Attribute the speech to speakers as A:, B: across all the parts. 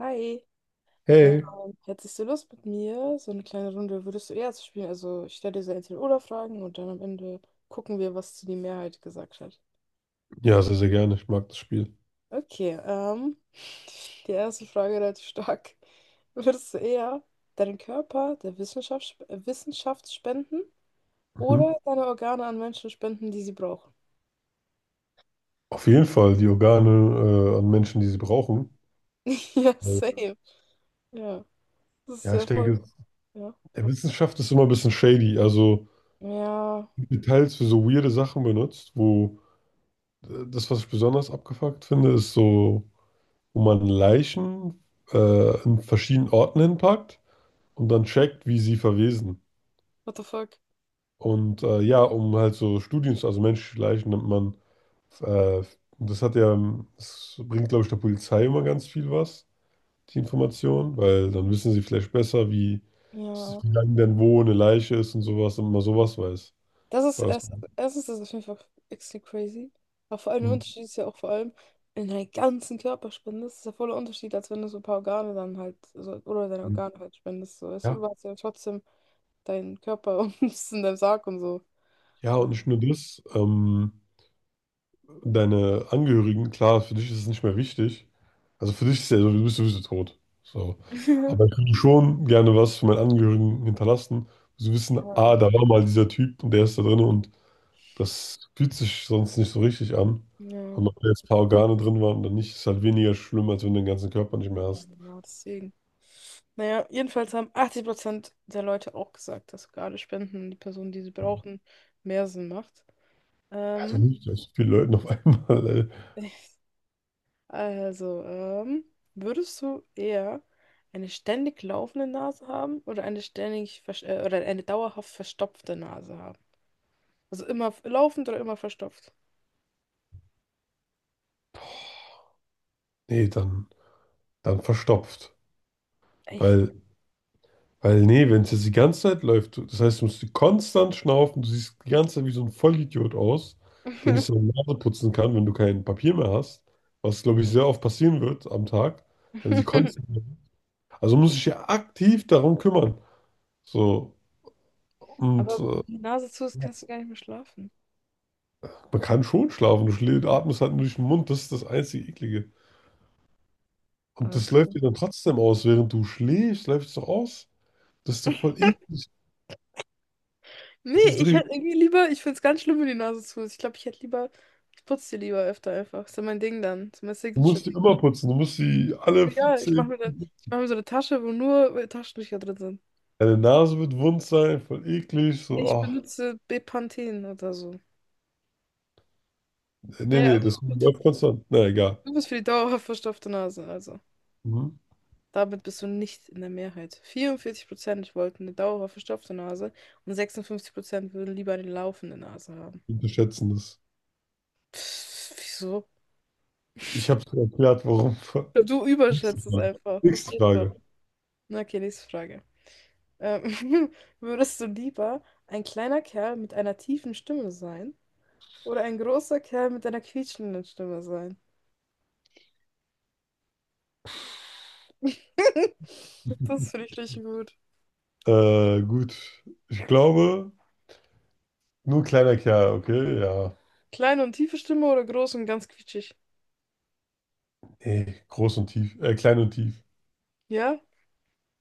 A: Hi,
B: Hey.
A: ähm, hättest du Lust mit mir, so eine kleine Runde würdest du eher zu spielen? Also ich stelle dir so Entweder-Oder-Fragen und dann am Ende gucken wir, was zu die Mehrheit gesagt hat.
B: Ja, sehr, sehr gerne. Ich mag das Spiel.
A: Okay, die erste Frage relativ stark. Würdest du eher deinen Körper der Wissenschaft spenden
B: Mhm.
A: oder deine Organe an Menschen spenden, die sie brauchen?
B: Auf jeden Fall die Organe an Menschen, die sie brauchen.
A: Ja, same. Ja, das ist
B: Ja,
A: ja
B: ich
A: voll.
B: denke,
A: Ja.
B: der Wissenschaft ist immer ein bisschen shady. Also
A: Ja,
B: Details für so weirde Sachen benutzt, wo das, was ich besonders abgefuckt finde, ist so, wo man Leichen in verschiedenen Orten hinpackt und dann checkt, wie sie verwesen.
A: what the fuck?
B: Und ja, um halt so Studien, also menschliche Leichen nimmt man, äh, das hat ja, das bringt, glaube ich, der Polizei immer ganz viel was die Information, weil dann wissen sie vielleicht besser, wie,
A: Ja.
B: wie lange denn wo eine Leiche ist und sowas, und man sowas weiß.
A: Das ist
B: Weil das,
A: erstens ist das auf jeden Fall extrem crazy. Aber vor allem der Unterschied ist ja auch vor allem in deinen ganzen Körperspende. Das ist ja voller Unterschied, als wenn du so ein paar Organe dann halt, so, oder deine Organe halt spendest. So, weißt du,
B: ja,
A: du hast ja trotzdem deinen Körper und bist in deinem Sarg und so.
B: ja, und
A: Also,
B: nicht nur das, deine Angehörigen, klar, für dich ist es nicht mehr wichtig. Also für dich ist ja so, du bist sowieso tot. So. Aber ich würde schon gerne was für meine Angehörigen hinterlassen. Sie wissen,
A: ja,
B: ah, da war mal dieser Typ und der ist da drin und das fühlt sich sonst nicht so richtig an.
A: ja,
B: Und ob da jetzt ein paar Organe drin waren oder nicht, ist halt weniger schlimm, als wenn du den ganzen Körper nicht mehr hast.
A: genau, deswegen. Naja, jedenfalls haben 80% der Leute auch gesagt, dass Organe spenden und die Personen, die sie brauchen, mehr Sinn macht.
B: Also
A: Ähm,
B: nicht, dass viele Leute auf einmal,
A: Also, würdest du eher eine ständig laufende Nase haben oder eine ständig oder eine dauerhaft verstopfte Nase haben? Also immer laufend oder immer verstopft?
B: nee, dann verstopft.
A: Echt?
B: Weil, weil nee, wenn es jetzt die ganze Zeit läuft, das heißt, du musst konstant schnaufen, du siehst die ganze Zeit wie so ein Vollidiot aus, der nicht seine Nase putzen kann, wenn du kein Papier mehr hast, was, glaube ich, sehr oft passieren wird am Tag, wenn sie konstant. Also muss ich ja aktiv darum kümmern. So, und
A: Aber wenn die Nase zu ist, kannst du gar nicht mehr schlafen.
B: man kann schon schlafen, du schläfst, atmest halt nur durch den Mund, das ist das einzige Eklige. Und das läuft
A: Also.
B: dir dann trotzdem aus, während du schläfst, läuft es doch aus. Das ist doch voll eklig.
A: Nee,
B: Das ist
A: ich
B: richtig.
A: hätte irgendwie lieber, ich finde es ganz schlimm, wenn die Nase zu ist. Ich glaube, ich hätte lieber, ich putze die lieber öfter einfach. Ist ja mein Ding dann. Ist ja mein
B: Du musst die
A: Signature-Ding.
B: immer putzen. Du musst die alle
A: Ja, ich mache
B: zehn.
A: mir dann, ich mache mir so eine Tasche, wo nur Taschentücher drin sind.
B: Deine Nase wird wund sein, voll eklig. So,
A: Ich
B: ach.
A: benutze Bepanthen oder so.
B: Nee,
A: Naja,
B: nee,
A: also
B: das
A: gut.
B: läuft konstant. Na egal.
A: Du bist für die dauerhaft verstopfte Nase, also.
B: Mhm.
A: Damit bist du nicht in der Mehrheit. 44% wollten eine dauerhaft verstopfte Nase und 56% würden lieber eine laufende Nase haben.
B: Wir unterschätzen das.
A: Pff, wieso?
B: Ich habe dir erklärt, warum.
A: Du
B: Nächste
A: überschätzt es
B: Frage.
A: einfach. Das
B: Nächste
A: geht schon.
B: Frage.
A: Na, okay, nächste Frage. Ähm, würdest du lieber ein kleiner Kerl mit einer tiefen Stimme sein oder ein großer Kerl mit einer quietschenden Stimme sein? Das finde ich richtig gut.
B: Gut. Ich glaube, nur kleiner Kerl, okay? Ja.
A: Kleine und tiefe Stimme oder groß und ganz quietschig?
B: Nee, groß und tief. Klein und tief.
A: Ja?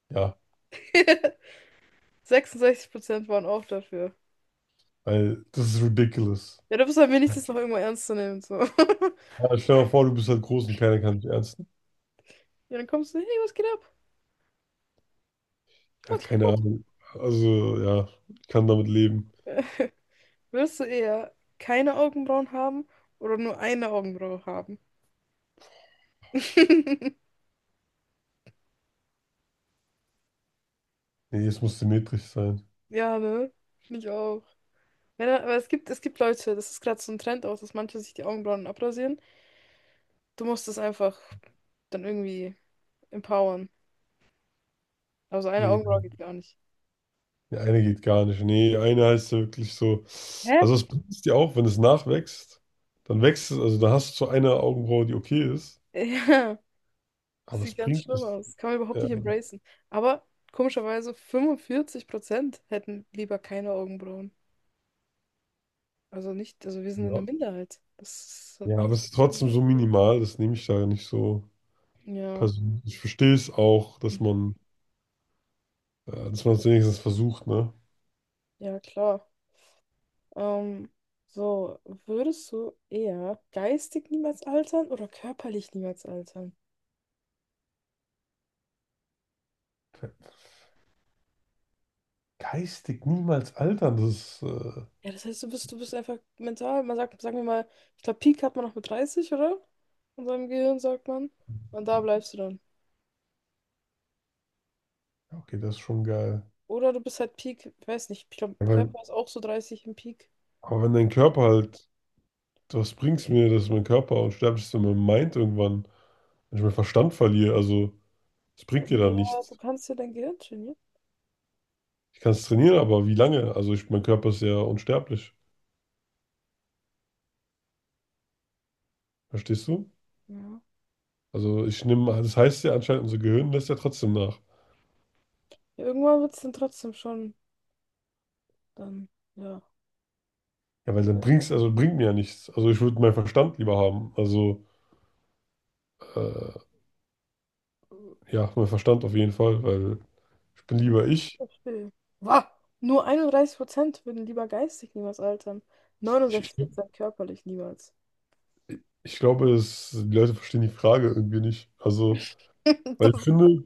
B: Ja.
A: 66% waren auch dafür.
B: Weil das ist ridiculous.
A: Ja, du bist halt wenigstens noch irgendwo ernst zu nehmen. So.
B: Ja, stell dir mal vor, du bist halt groß und keiner kann dich ernst.
A: Ja, dann kommst du, hey, was geht ab?
B: Ja,
A: Mach dich
B: keine
A: kaputt.
B: Ahnung. Also, ja, ich kann damit leben.
A: Willst du eher keine Augenbrauen haben oder nur eine Augenbraue haben?
B: Nee, es muss symmetrisch sein.
A: Ja, ne? Finde ich auch. Wenn, aber es gibt Leute, das ist gerade so ein Trend auch, dass manche sich die Augenbrauen abrasieren. Du musst es einfach dann irgendwie empowern. Also eine
B: Nee,
A: Augenbraue geht gar nicht.
B: die eine geht gar nicht. Nee, eine heißt ja wirklich so.
A: Hä?
B: Also, es bringt es dir auch, wenn es nachwächst, dann wächst es, also da hast du so eine Augenbraue, die okay ist,
A: Ja. Das
B: aber es
A: sieht ganz
B: bringt
A: schlimm
B: es.
A: aus. Kann man überhaupt
B: Ja,
A: nicht embracen. Aber komischerweise 45% hätten lieber keine Augenbrauen. Also nicht, also wir sind in der
B: ja.
A: Minderheit. Das hat
B: Ja,
A: mich
B: aber
A: jetzt
B: es ist
A: gewundert.
B: trotzdem so minimal, das nehme ich da nicht so
A: Ja,
B: persönlich. Ich verstehe es auch, dass man es wenigstens versucht, ne?
A: ja, klar. Ähm, so, würdest du eher geistig niemals altern oder körperlich niemals altern?
B: Geistig niemals altern, das ist,
A: Ja, das heißt, du bist einfach mental, man sagt, sagen wir mal, ich glaube, Peak hat man noch mit 30, oder? In seinem Gehirn, sagt man. Und da bleibst du dann.
B: ja, okay, das ist schon geil.
A: Oder du bist halt Peak, ich weiß nicht, ich glaube,
B: Aber
A: Körper ist auch so 30 im Peak.
B: Aber wenn dein Körper halt, was bringt's mir, dass mein Körper unsterblich ist, wenn mein Mind irgendwann, wenn ich meinen Verstand verliere, also es bringt dir dann
A: Naja, du
B: nichts.
A: kannst ja dein Gehirn trainieren.
B: Ich kann es trainieren, aber wie lange? Also ich, mein Körper ist ja unsterblich. Verstehst du?
A: Ja.
B: Also ich nehme, das heißt ja anscheinend, unser Gehirn lässt ja trotzdem nach.
A: Ja, irgendwann wird es dann trotzdem schon, dann, ja.
B: Ja, weil dann bringt's, also bringt mir ja nichts. Also ich würde meinen Verstand lieber haben. Also äh, ja, meinen Verstand auf jeden Fall, weil ich bin lieber ich.
A: Verstehe. Wah, nur 31% würden lieber geistig niemals altern.
B: Ich, ich,
A: 69% körperlich niemals.
B: ich glaube, es, die Leute verstehen die Frage irgendwie nicht. Also, weil
A: Das,
B: ich finde,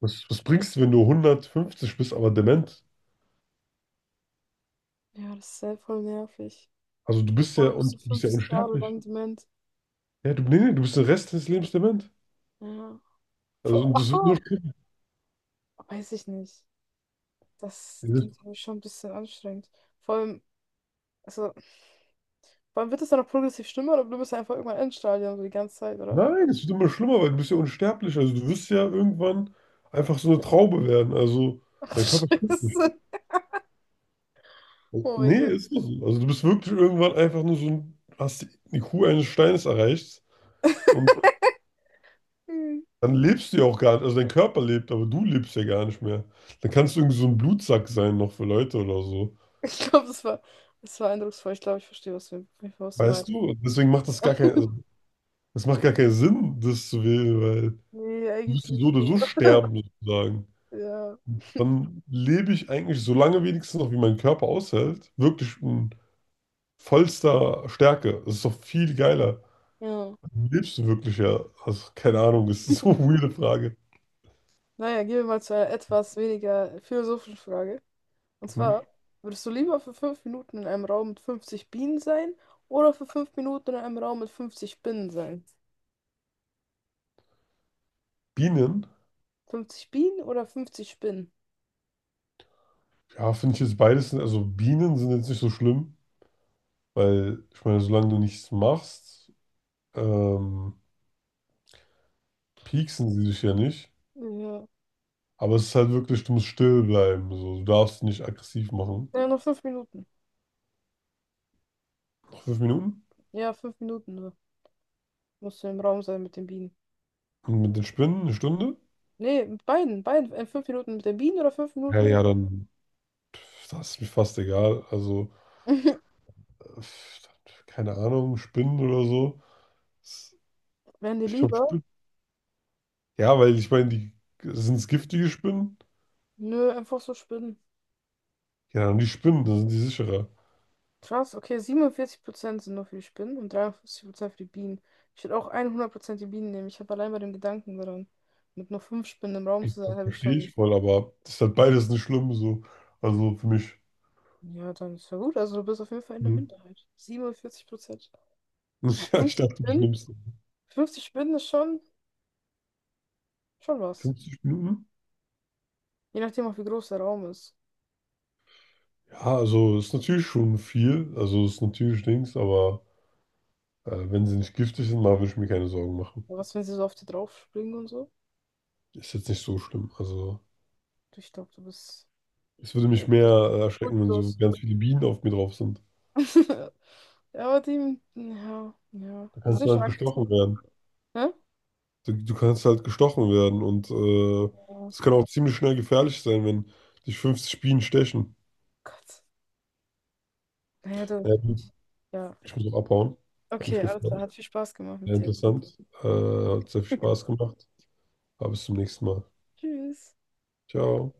B: was, was bringst du, wenn du 150 bist, aber dement?
A: ja, das ist sehr voll nervig.
B: Also du
A: Stell dir
B: bist
A: vor,
B: ja
A: du bist
B: und
A: so
B: du bist ja
A: 50 Jahre
B: unsterblich.
A: lang dement.
B: Ja, du, nee, nee, du bist den Rest des Lebens dement.
A: Ja.
B: Also
A: Vor,
B: und das wird nur schlimmer.
A: weiß ich nicht. Das
B: Das-
A: klingt für mich schon ein bisschen anstrengend. Vor allem, also vor allem wird das dann noch progressiv schlimmer oder du bist einfach irgendwann Endstadium so die ganze Zeit, oder?
B: Nein, es wird immer schlimmer, weil du bist ja unsterblich. Also du wirst ja irgendwann einfach so eine Traube werden. Also
A: Ach,
B: dein Körper stirbt nicht.
A: Scheiße. Oh
B: Nee,
A: mein Gott.
B: ist nicht so. Also du bist wirklich irgendwann einfach nur so ein, hast die IQ eines Steines erreicht und
A: Hm.
B: dann lebst du ja auch gar nicht. Also dein Körper lebt, aber du lebst ja gar nicht mehr. Dann kannst du irgendwie so ein Blutsack sein noch für Leute oder so.
A: Ich glaube, das war eindrucksvoll. Ich glaube, ich verstehe, was du
B: Weißt
A: meinst.
B: du, deswegen macht das gar keinen, also, das macht gar keinen Sinn, das zu wählen, weil
A: Nee,
B: du wirst
A: eigentlich
B: so
A: nicht
B: oder so
A: so.
B: sterben, sozusagen.
A: Ja.
B: Dann lebe ich eigentlich so lange wenigstens noch, wie mein Körper aushält, wirklich in vollster Stärke. Das ist doch viel geiler.
A: Ja.
B: Lebst du wirklich ja? Also, keine Ahnung, das ist so eine weirde Frage.
A: Naja, gehen wir mal zu einer etwas weniger philosophischen Frage. Und zwar,
B: Mhm.
A: würdest du lieber für 5 Minuten in einem Raum mit 50 Bienen sein oder für 5 Minuten in einem Raum mit 50 Spinnen sein?
B: Bienen?
A: 50 Bienen oder 50 Spinnen?
B: Ja, finde ich jetzt beides, also Bienen sind jetzt nicht so schlimm, weil, ich meine, solange du nichts machst, ähm, pieksen sie dich ja nicht.
A: Ja.
B: Aber es ist halt wirklich, du musst still bleiben. So. Du darfst nicht aggressiv machen.
A: Ja, nur 5 Minuten.
B: Noch 5 Minuten?
A: Ja, 5 Minuten nur. Musst du im Raum sein mit den Bienen.
B: Und mit den Spinnen 1 Stunde?
A: Nee, mit beiden, beiden. 5 Minuten mit den Bienen oder fünf
B: Ja,
A: Minuten mit.
B: ja, dann pf, das ist mir fast egal. Also, pf, keine Ahnung, Spinnen oder so. Das-
A: Wären die
B: Ich glaube,
A: lieber?
B: Spinnen. Ja, weil ich meine, die sind es giftige Spinnen?
A: Nö, einfach so Spinnen.
B: Ja, dann die Spinnen, dann sind die sicherer.
A: Krass, okay, 47% sind nur für die Spinnen und 53% für die Bienen. Ich würde auch 100% die Bienen nehmen. Ich habe allein bei dem Gedanken daran, mit nur 5 Spinnen im Raum zu sein, habe ich
B: Verstehe
A: schon.
B: ich voll, aber das ist halt beides nicht schlimm so. Also für mich.
A: Ja, dann ist ja gut. Also du bist auf jeden Fall in der
B: Mhm.
A: Minderheit. 47%. Ja,
B: Ja, ich
A: 50
B: dachte, mich
A: Spinnen?
B: nimmst du.
A: 50 Spinnen ist schon was.
B: 50 Minuten?
A: Je nachdem auch, wie groß der Raum ist.
B: Ja, also ist natürlich schon viel. Also ist natürlich Dings, aber. Wenn sie nicht giftig sind, mal würde ich mir keine Sorgen machen.
A: Aber was, wenn sie so auf dir drauf springen und so?
B: Ist jetzt nicht so schlimm. Also,
A: Du Ich glaube,
B: es würde mich
A: du
B: mehr
A: bist
B: erschrecken, wenn so
A: furchtlos.
B: ganz viele Bienen auf mir drauf sind.
A: Ja, aber die, ja, ja.
B: Da
A: Die
B: kannst
A: sind
B: du
A: schon
B: halt gestochen
A: aggressiv.
B: werden.
A: Ne?
B: Du kannst halt gestochen werden und
A: Ja.
B: das kann auch ziemlich schnell gefährlich sein, wenn dich 50 Bienen stechen.
A: Gott. Naja, du.
B: Naja, gut,
A: Ja.
B: ich muss auch abhauen. Hat mich
A: Okay, alles klar.
B: gefreut.
A: Hat viel Spaß gemacht
B: Sehr
A: mit dir.
B: interessant. Hat sehr viel Spaß gemacht. Aber bis zum nächsten Mal.
A: Tschüss.
B: Ciao.